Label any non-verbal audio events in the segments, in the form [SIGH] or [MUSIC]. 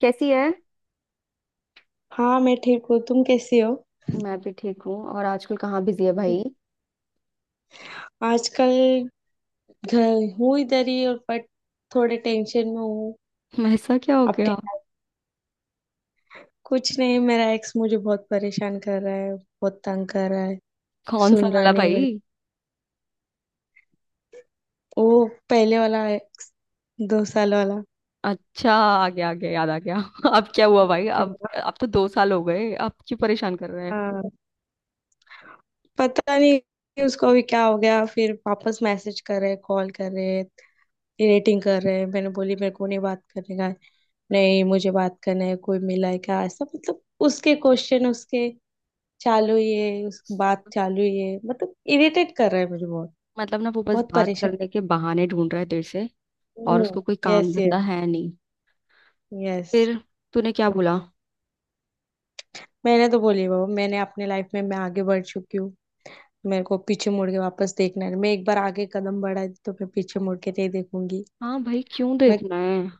कैसी है? हाँ, मैं ठीक हूँ। तुम कैसी हो? मैं भी ठीक हूँ। और आजकल कहाँ बिजी है भाई? आजकल घर हूँ, इधर ही। और बट थोड़े टेंशन में हूँ। [LAUGHS] ऐसा क्या हो अपने गया? कुछ नहीं, मेरा एक्स मुझे बहुत परेशान कर रहा है, बहुत तंग कर रहा है। कौन सा सुन रहा वाला नहीं भाई? मेरे। वो पहले वाला एक्स, दो साल वाला। अच्छा, आ गया आ गया, याद आ गया। [LAUGHS] अब क्या हुआ भाई? अब तो दो साल हो गए, अब क्यों परेशान कर रहे हैं? हाँ, पता नहीं कि उसको अभी क्या हो गया। फिर वापस मैसेज कर रहे, कॉल कर रहे, रेटिंग कर रहे। मैंने बोली मेरे को नहीं बात करने का। नहीं, मुझे बात करना है, कोई मिला है क्या ऐसा? मतलब उसके क्वेश्चन, उसके चालू ये, उसकी बात चालू ये, मतलब इरिटेट कर रहा है मुझे बहुत। मतलब ना वो बस बहुत बात परेशान। करने के बहाने ढूंढ रहा है तेरे से। और हम्म। उसको कोई काम यस यस धंधा है नहीं? यस। फिर तूने क्या बोला? मैंने तो बोली, बाबा मैंने अपने लाइफ में मैं आगे बढ़ चुकी हूँ। मेरे को पीछे मुड़ के वापस देखना है, मैं एक बार आगे कदम बढ़ाई तो मैं पीछे मुड़ के नहीं देखूंगी। हाँ भाई, क्यों मैं देखना है?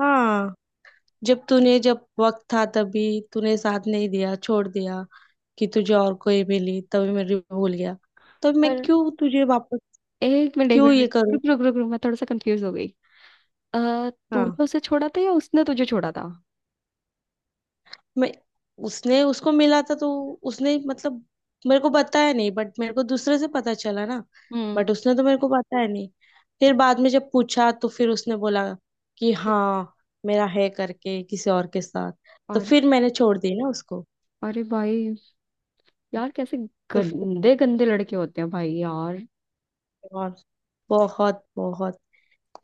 हाँ, जब तूने, जब वक्त था तभी तूने साथ नहीं दिया, छोड़ दिया। कि तुझे और कोई मिली तभी मैं भूल गया, तब मैं पर क्यों तुझे वापस, एक क्यों मिनट ये करूँ? रुक रुक रुक रुक, मैं थोड़ा सा कंफ्यूज हो गई। अः तूने हाँ, उसे छोड़ा था या उसने तुझे छोड़ा था? मैं उसने, उसको मिला था तो उसने मतलब मेरे को बताया नहीं, बट मेरे को दूसरे से पता चला ना। हम्म बट उसने तो मेरे को बताया नहीं, फिर बाद में जब पूछा तो फिर उसने बोला कि हाँ, मेरा है करके किसी और के साथ। तो और फिर मैंने छोड़ दी ना उसको। अरे भाई, यार कैसे तो फिर गंदे गंदे लड़के होते हैं भाई यार। और बहुत बहुत,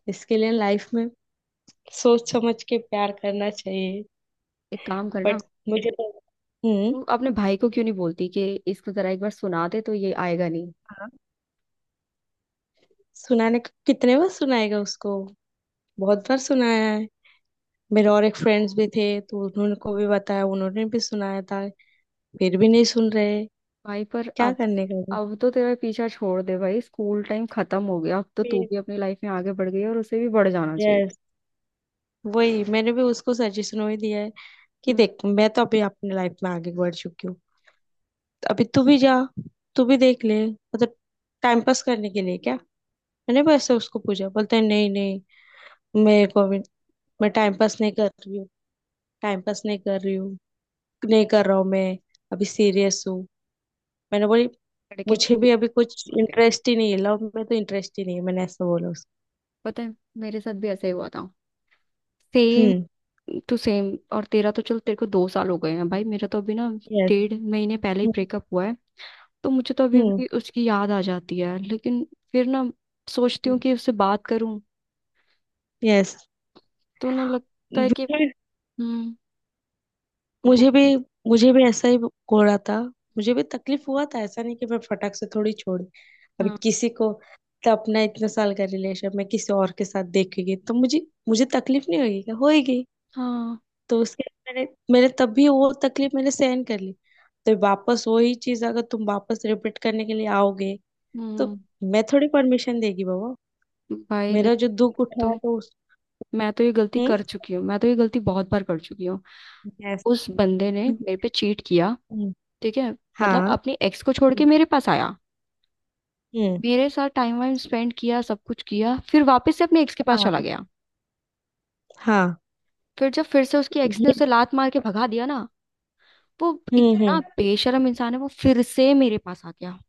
इसके लिए लाइफ में सोच समझ के प्यार करना चाहिए। एक काम करना, बट मुझे तो, हम्म। तू अपने भाई को क्यों नहीं बोलती कि इसको जरा एक बार सुना दे तो ये आएगा नहीं। हाँ। सुनाने को कितने बार सुनाएगा उसको? बहुत बार सुनाया है। मेरे और एक फ्रेंड्स भी थे, तो उन्होंने को भी बताया, उन्होंने भी सुनाया था। फिर भी नहीं सुन रहे। भाई पर क्या अब करने का भी? अब तो तेरा पीछा छोड़ दे भाई। स्कूल टाइम खत्म हो गया, अब तो तू फिर भी अपनी लाइफ में आगे बढ़ गई है और उसे भी बढ़ जाना चाहिए। यस, वही मैंने भी उसको सजेशन वही दिया है कि हम्म। देख, मैं तो अभी अपनी लाइफ में आगे बढ़ चुकी हूँ। तो अभी तू भी जा, तू भी देख ले, मतलब टाइम पास करने के लिए क्या। मैंने वैसे उसको पूछा, बोलते हैं नहीं नहीं, मेरे को भी, मैं टाइम पास नहीं कर रही हूँ, टाइम पास नहीं कर रही हूँ नहीं कर रहा हूँ मैं, अभी सीरियस हूँ। मैंने बोली लड़के मुझे कभी भी अभी कुछ नहीं होते। इंटरेस्ट ही नहीं है, लव में तो इंटरेस्ट ही नहीं है, मैंने ऐसा बोला उसको। पता है, मेरे साथ भी ऐसा ही हुआ था, सेम हम्म। To same. और तेरा तो चल, तेरे को दो साल हो गए हैं भाई, मेरा तो अभी ना यस। डेढ़ महीने पहले ही ब्रेकअप हुआ है। तो मुझे तो अभी हम्म। भी उसकी याद आ जाती है, लेकिन फिर ना सोचती हूँ कि उससे बात करूँ, यस। तो ना लगता है कि मुझे हम्म वो- मुझे भी ऐसा ही हो रहा था। मुझे भी तकलीफ हुआ था, ऐसा नहीं कि मैं फटाक से थोड़ी छोड़ी अभी हाँ किसी को। तो अपना इतने साल का रिलेशन मैं किसी और के साथ देखेगी तो मुझे मुझे तकलीफ नहीं होगी क्या, होएगी। हाँ। तो उसके बाद मैंने मैंने तब भी वो तकलीफ मैंने सहन कर ली। तो वापस वही चीज अगर तुम वापस रिपीट करने के लिए आओगे, तो हम्म। मैं थोड़ी परमिशन देगी बाबा। भाई मेरा लेकिन, जो दुख उठा है तो तो उस। मैं तो ये गलती हम्म। कर चुकी हूँ, मैं तो ये गलती बहुत बार कर चुकी हूँ। यस। उस बंदे ने मेरे पे चीट किया, हम्म, ठीक है? मतलब हाँ। अपनी एक्स को छोड़ हम्म। के मेरे पास आया, हम्म, मेरे साथ टाइम वाइम स्पेंड किया, सब कुछ किया, फिर वापस से अपने एक्स के पास हाँ। चला गया। हाँ। फिर जब फिर से उसकी एक्स ने ये। उसे लात मार के भगा दिया ना, वो, हम्म। इतना हम्म। बेशरम इंसान है वो, फिर से मेरे पास आ गया।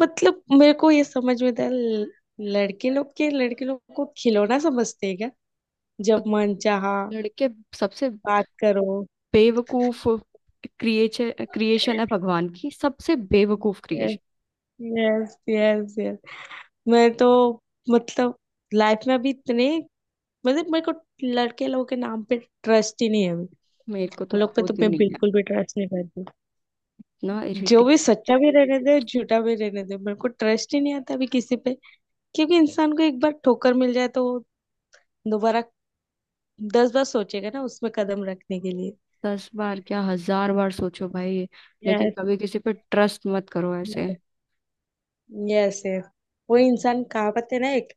मतलब मेरे को ये समझ में था। लड़के लोग के, लड़के लोग को खिलौना समझते हैं क्या? जब मन चाहा लड़के सबसे बात करो। बेवकूफ क्रिएचर क्रिएशन है भगवान की, सबसे बेवकूफ yes, creation. Yes, yes, yes. मैं तो, मतलब लाइफ में अभी इतने, मतलब मेरे को लड़के लोगों के नाम पे ट्रस्ट ही नहीं है अभी। मेरे को तो उन लोग पे तो खुद मैं नहीं है, बिल्कुल भी ट्रस्ट नहीं करती, ना, जो इरिटेट। भी सच्चा भी रहने दे, झूठा भी रहने दे, मेरे को ट्रस्ट ही नहीं आता अभी किसी पे। क्योंकि इंसान को एक बार ठोकर मिल जाए तो वो दोबारा दस बार सोचेगा ना उसमें कदम रखने के लिए। दस बार क्या, हजार बार सोचो भाई। लेकिन यस। कभी किसी पे ट्रस्ट मत करो ऐसे। यस वो इंसान, कहावत है ना एक,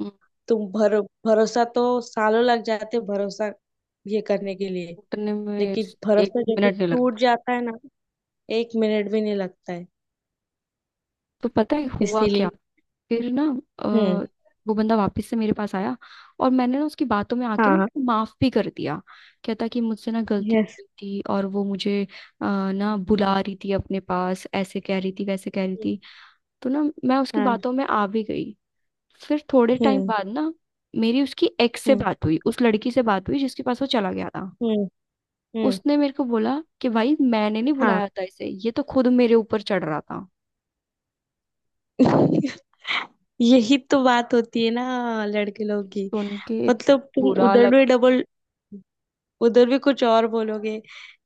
हम्म, तुम भर भरोसा तो सालों लग जाते, भरोसा ये करने के लिए। टूटने में लेकिन एक भरोसा जब भी मिनट नहीं टूट लगता। जाता है ना, एक मिनट भी नहीं लगता है। तो पता है हुआ क्या? इसीलिए। फिर ना हम्म। अ, वो बंदा वापस से मेरे पास आया, और मैंने ना उसकी बातों में आके ना हाँ। उसको माफ भी कर दिया। कहता कि मुझसे ना गलती हो यस। गई थी, और वो मुझे अ, ना हाँ। बुला yes। रही थी अपने पास, ऐसे कह रही थी, वैसे कह रही थी। तो ना मैं उसकी हाँ। हम्म। हाँ। बातों में आ भी गई। फिर थोड़े टाइम हम्म। बाद ना मेरी उसकी एक्स से हम्म। बात हुई, उस लड़की से बात हुई जिसके पास वो चला गया था। हम्म। हम्म। उसने मेरे को बोला कि भाई, मैंने नहीं हाँ, बुलाया था इसे, ये तो खुद मेरे ऊपर चढ़ रहा था। यही तो बात होती है ना लड़के लोग की। सुन के मतलब तुम बुरा उधर भी लगा। डबल, उधर भी कुछ और बोलोगे,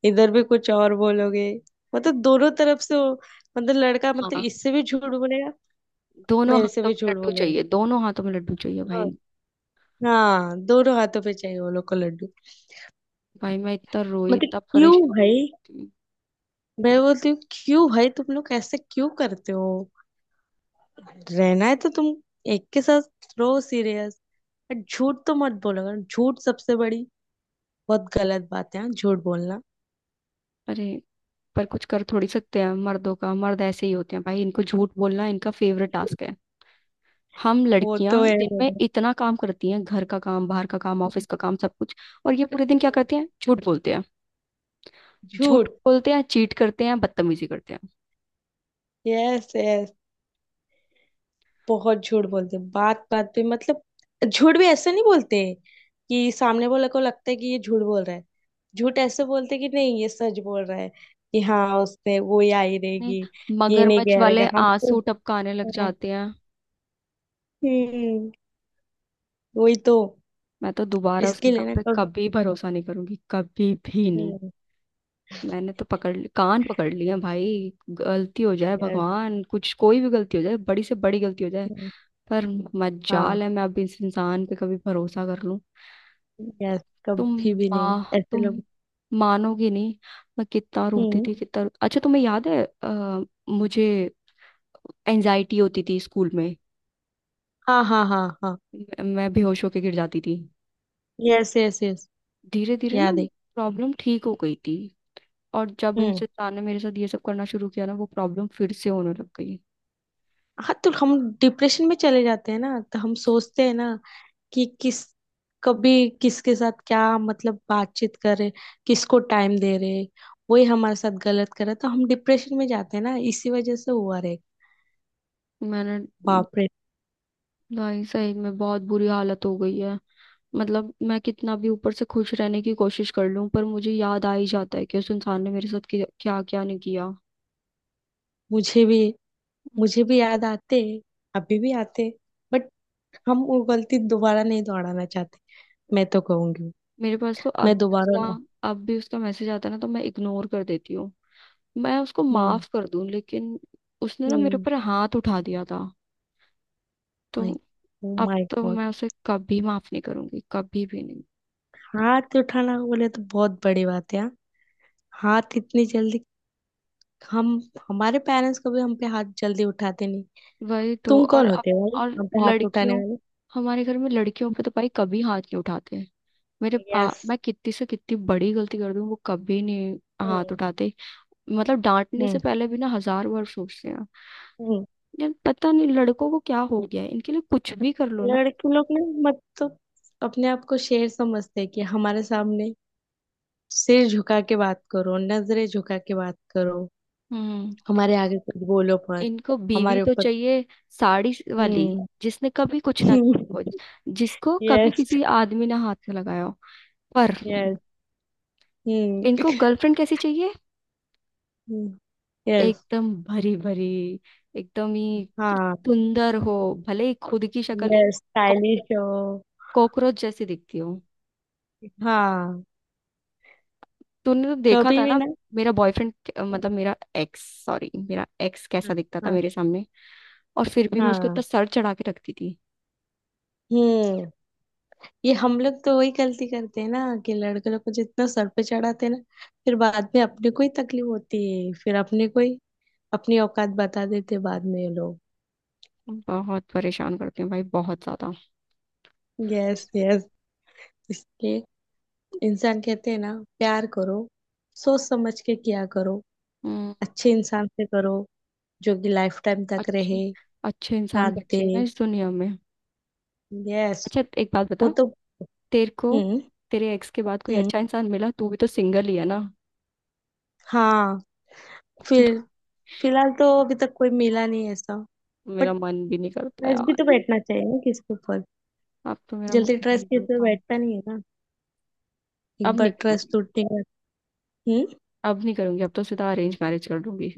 इधर भी कुछ और बोलोगे, मतलब दोनों तरफ से हो। मतलब लड़का, मतलब हाँ, इससे भी झूठ बोलेगा, दोनों मेरे से हाथों भी में झूठ लड्डू बोलेगा। चाहिए, दोनों हाथों में लड्डू चाहिए हाँ। भाई। हाँ, दोनों हाथों पे चाहिए वो लोग को लड्डू। भाई, मैं इतना रोई, मतलब इतना क्यों परेशान भाई? हुई। मैं बोलती हूँ क्यों भाई तुम लोग ऐसे क्यों करते हो? रहना है तो तुम एक के साथ रहो, सीरियस। झूठ तो मत बोलो। झूठ सबसे बड़ी, बहुत गलत बात है हाँ, झूठ बोलना। अरे, पर कुछ कर थोड़ी सकते हैं? मर्दों का, मर्द ऐसे ही होते हैं भाई, इनको झूठ बोलना इनका फेवरेट टास्क है। हम वो लड़कियां तो है दिन में बाबा। इतना काम करती हैं, घर का काम, बाहर का काम, हम्म। ऑफिस का काम, सब कुछ। और ये पूरे दिन क्या करते हैं? झूठ बोलते हैं, झूठ झूठ। बोलते हैं, चीट करते हैं, बदतमीजी करते हैं। यस यस बहुत झूठ बोलते हैं बात बात पे, मतलब झूठ भी ऐसे नहीं बोलते कि सामने वाले को लगता है कि ये झूठ बोल रहा है। झूठ ऐसे बोलते कि नहीं, ये सच बोल रहा है, कि हाँ उसने वो ही आई नहीं, रहेगी। ये नहीं मगरमच्छ कह वाले रहेगा हम तो। आंसू टपकाने लग जाते हैं। हम्म। वही तो। मैं तो दोबारा उस इसके इंसान लिए ना पे कभी। कभी भरोसा नहीं करूंगी, कभी भी नहीं। हम्म। मैंने तो कान पकड़ लिए हैं भाई। गलती हो जाए यस। भगवान, कुछ, कोई भी गलती हो जाए, बड़ी से बड़ी गलती हो जाए, पर हाँ। मजाल है मैं अब इस इंसान पे कभी भरोसा कर लूं। यस, तुम कभी भी नहीं माँ, ऐसे लोग। तुम मानोगे नहीं। मैं कितना रोती हम्म। थी, कितना, अच्छा तुम्हें याद है? मुझे एंजाइटी होती थी स्कूल में, हाँ हाँ हाँ हाँ। मैं बेहोश होके गिर जाती थी। Yes yes yes. धीरे धीरे ना याद है। प्रॉब्लम ठीक हो गई थी, और जब इन हम्म। इंसान ने मेरे साथ ये सब करना शुरू किया ना, वो प्रॉब्लम फिर से होने लग गई। हाँ, तो हम डिप्रेशन में चले जाते हैं ना, तो हम सोचते हैं ना कि किस, कभी किसके साथ क्या मतलब बातचीत कर रहे, किसको टाइम दे रहे, वही हमारे साथ गलत कर रहा, तो हम डिप्रेशन में जाते हैं ना, इसी वजह से हुआ रे। मैंने बाप रे। भाई सही में बहुत बुरी हालत हो गई है। मतलब मैं कितना भी ऊपर से खुश रहने की कोशिश कर लूं पर मुझे याद आ ही जाता है कि उस इंसान ने मेरे साथ क्या क्या नहीं किया। मुझे भी मुझे भी याद आते, अभी भी आते। बट हम वो गलती दोबारा नहीं दोहराना चाहते। मैं तो कहूंगी मेरे पास तो अब मैं भी दोबारा उसका ना। अब भी उसका मैसेज आता है ना, तो मैं इग्नोर कर देती हूँ। मैं उसको हम्म। माफ कर दूं लेकिन उसने ना मेरे हम्म। ऊपर हाथ उठा दिया था, तो ओ अब माय तो गॉड। मैं उसे कभी माफ नहीं करूंगी, कभी भी नहीं। हाथ तो उठाना बोले तो बहुत बड़ी बात है यार। हाथ इतनी जल्दी, हम, हमारे पेरेंट्स कभी हम पे हाथ जल्दी उठाते नहीं। वही तो, तुम और कौन अब, होते हो भाई और हम पे हाथ उठाने लड़कियों, वाले? हमारे घर में लड़कियों पे तो भाई कभी हाथ नहीं उठाते। मेरे पा यस। मैं कितनी से कितनी बड़ी गलती कर दूं, वो कभी नहीं हाथ हम्म। उठाते। मतलब डांटने से हम्म। पहले भी ना हजार बार सोचते हैं। हम्म। यार पता नहीं लड़कों को क्या हो गया है, इनके लिए कुछ भी कर लो ना। लड़के लोग ना, मतलब अपने आप को शेर समझते हैं कि हमारे सामने सिर झुका के बात करो, नजरें झुका के बात करो, हम्म हमारे आगे कुछ बोलो मत, इनको बीवी हमारे तो ऊपर। चाहिए, साड़ी वाली, जिसने कभी कुछ ना किया हम्म। हो, जिसको कभी [LAUGHS] यस। किसी आदमी ने हाथ में लगाया हो, पर यस। हम्म। इनको गर्लफ्रेंड कैसी चाहिए? [LAUGHS] यस। एकदम भरी भरी, एकदम ही हाँ, सुंदर हो, भले ही खुद की शक्ल एक यस, कॉक- स्टाइलिश हो। कॉकरोच जैसी दिखती हो। हाँ, तूने तो देखा कभी था भी ना ना। मेरा बॉयफ्रेंड, मतलब मेरा एक्स, सॉरी, मेरा एक्स कैसा हाँ दिखता था हाँ मेरे सामने, और फिर भी मैं उसको इतना हाँ। सर चढ़ा के रखती थी। हम्म। ये हम लोग तो वही गलती करते हैं ना, कि लड़के लोग को जितना सर पे चढ़ाते हैं ना, फिर बाद में अपने को ही तकलीफ होती है, फिर अपने को ही अपनी औकात बता देते हैं बाद में ये लोग। बहुत परेशान करती हूँ भाई, बहुत ज्यादा। यस यस इसलिए इंसान कहते हैं ना, प्यार करो, सोच समझ के किया करो, हम्म अच्छे इंसान से करो, जो कि लाइफ टाइम तक अच्छे रहे, अच्छे इंसान साथ दे। बचे हैं इस दुनिया में? यस। अच्छा, एक बात बता, वो तो। तेरे को, हम्म। तेरे एक्स के बाद कोई हम्म। अच्छा इंसान मिला? तू भी तो सिंगल ही है ना? हाँ। फिर फिलहाल तो अभी तक कोई मिला नहीं है ऐसा। बट मेरा मन भी नहीं करता ट्रस्ट भी यार, तो बैठना चाहिए ना किसके ऊपर? अब तो मेरा जल्दी मन भी ट्रस्ट नहीं किसी पे करता। बैठता नहीं है ना, एक अब बार नहीं ट्रस्ट करूंगी, टूटने का। हम्म। अब नहीं करूंगी, अब तो सीधा अरेंज मैरिज कर लूंगी।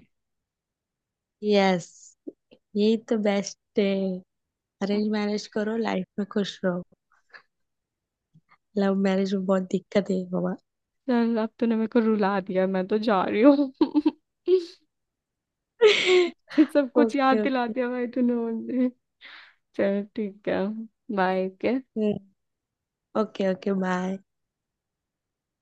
यस। यही तो बेस्ट है। अरेंज मैरिज करो, लाइफ में खुश रहो। लव मैरिज में बहुत दिक्कत है बाबा। चल, अब तूने मेरे को रुला दिया, मैं तो जा रही हूँ। [LAUGHS] [LAUGHS] ये सब कुछ ओके याद दिला ओके दिया भाई तूने मुझे। चल ठीक है। बाय के। Okay, bye.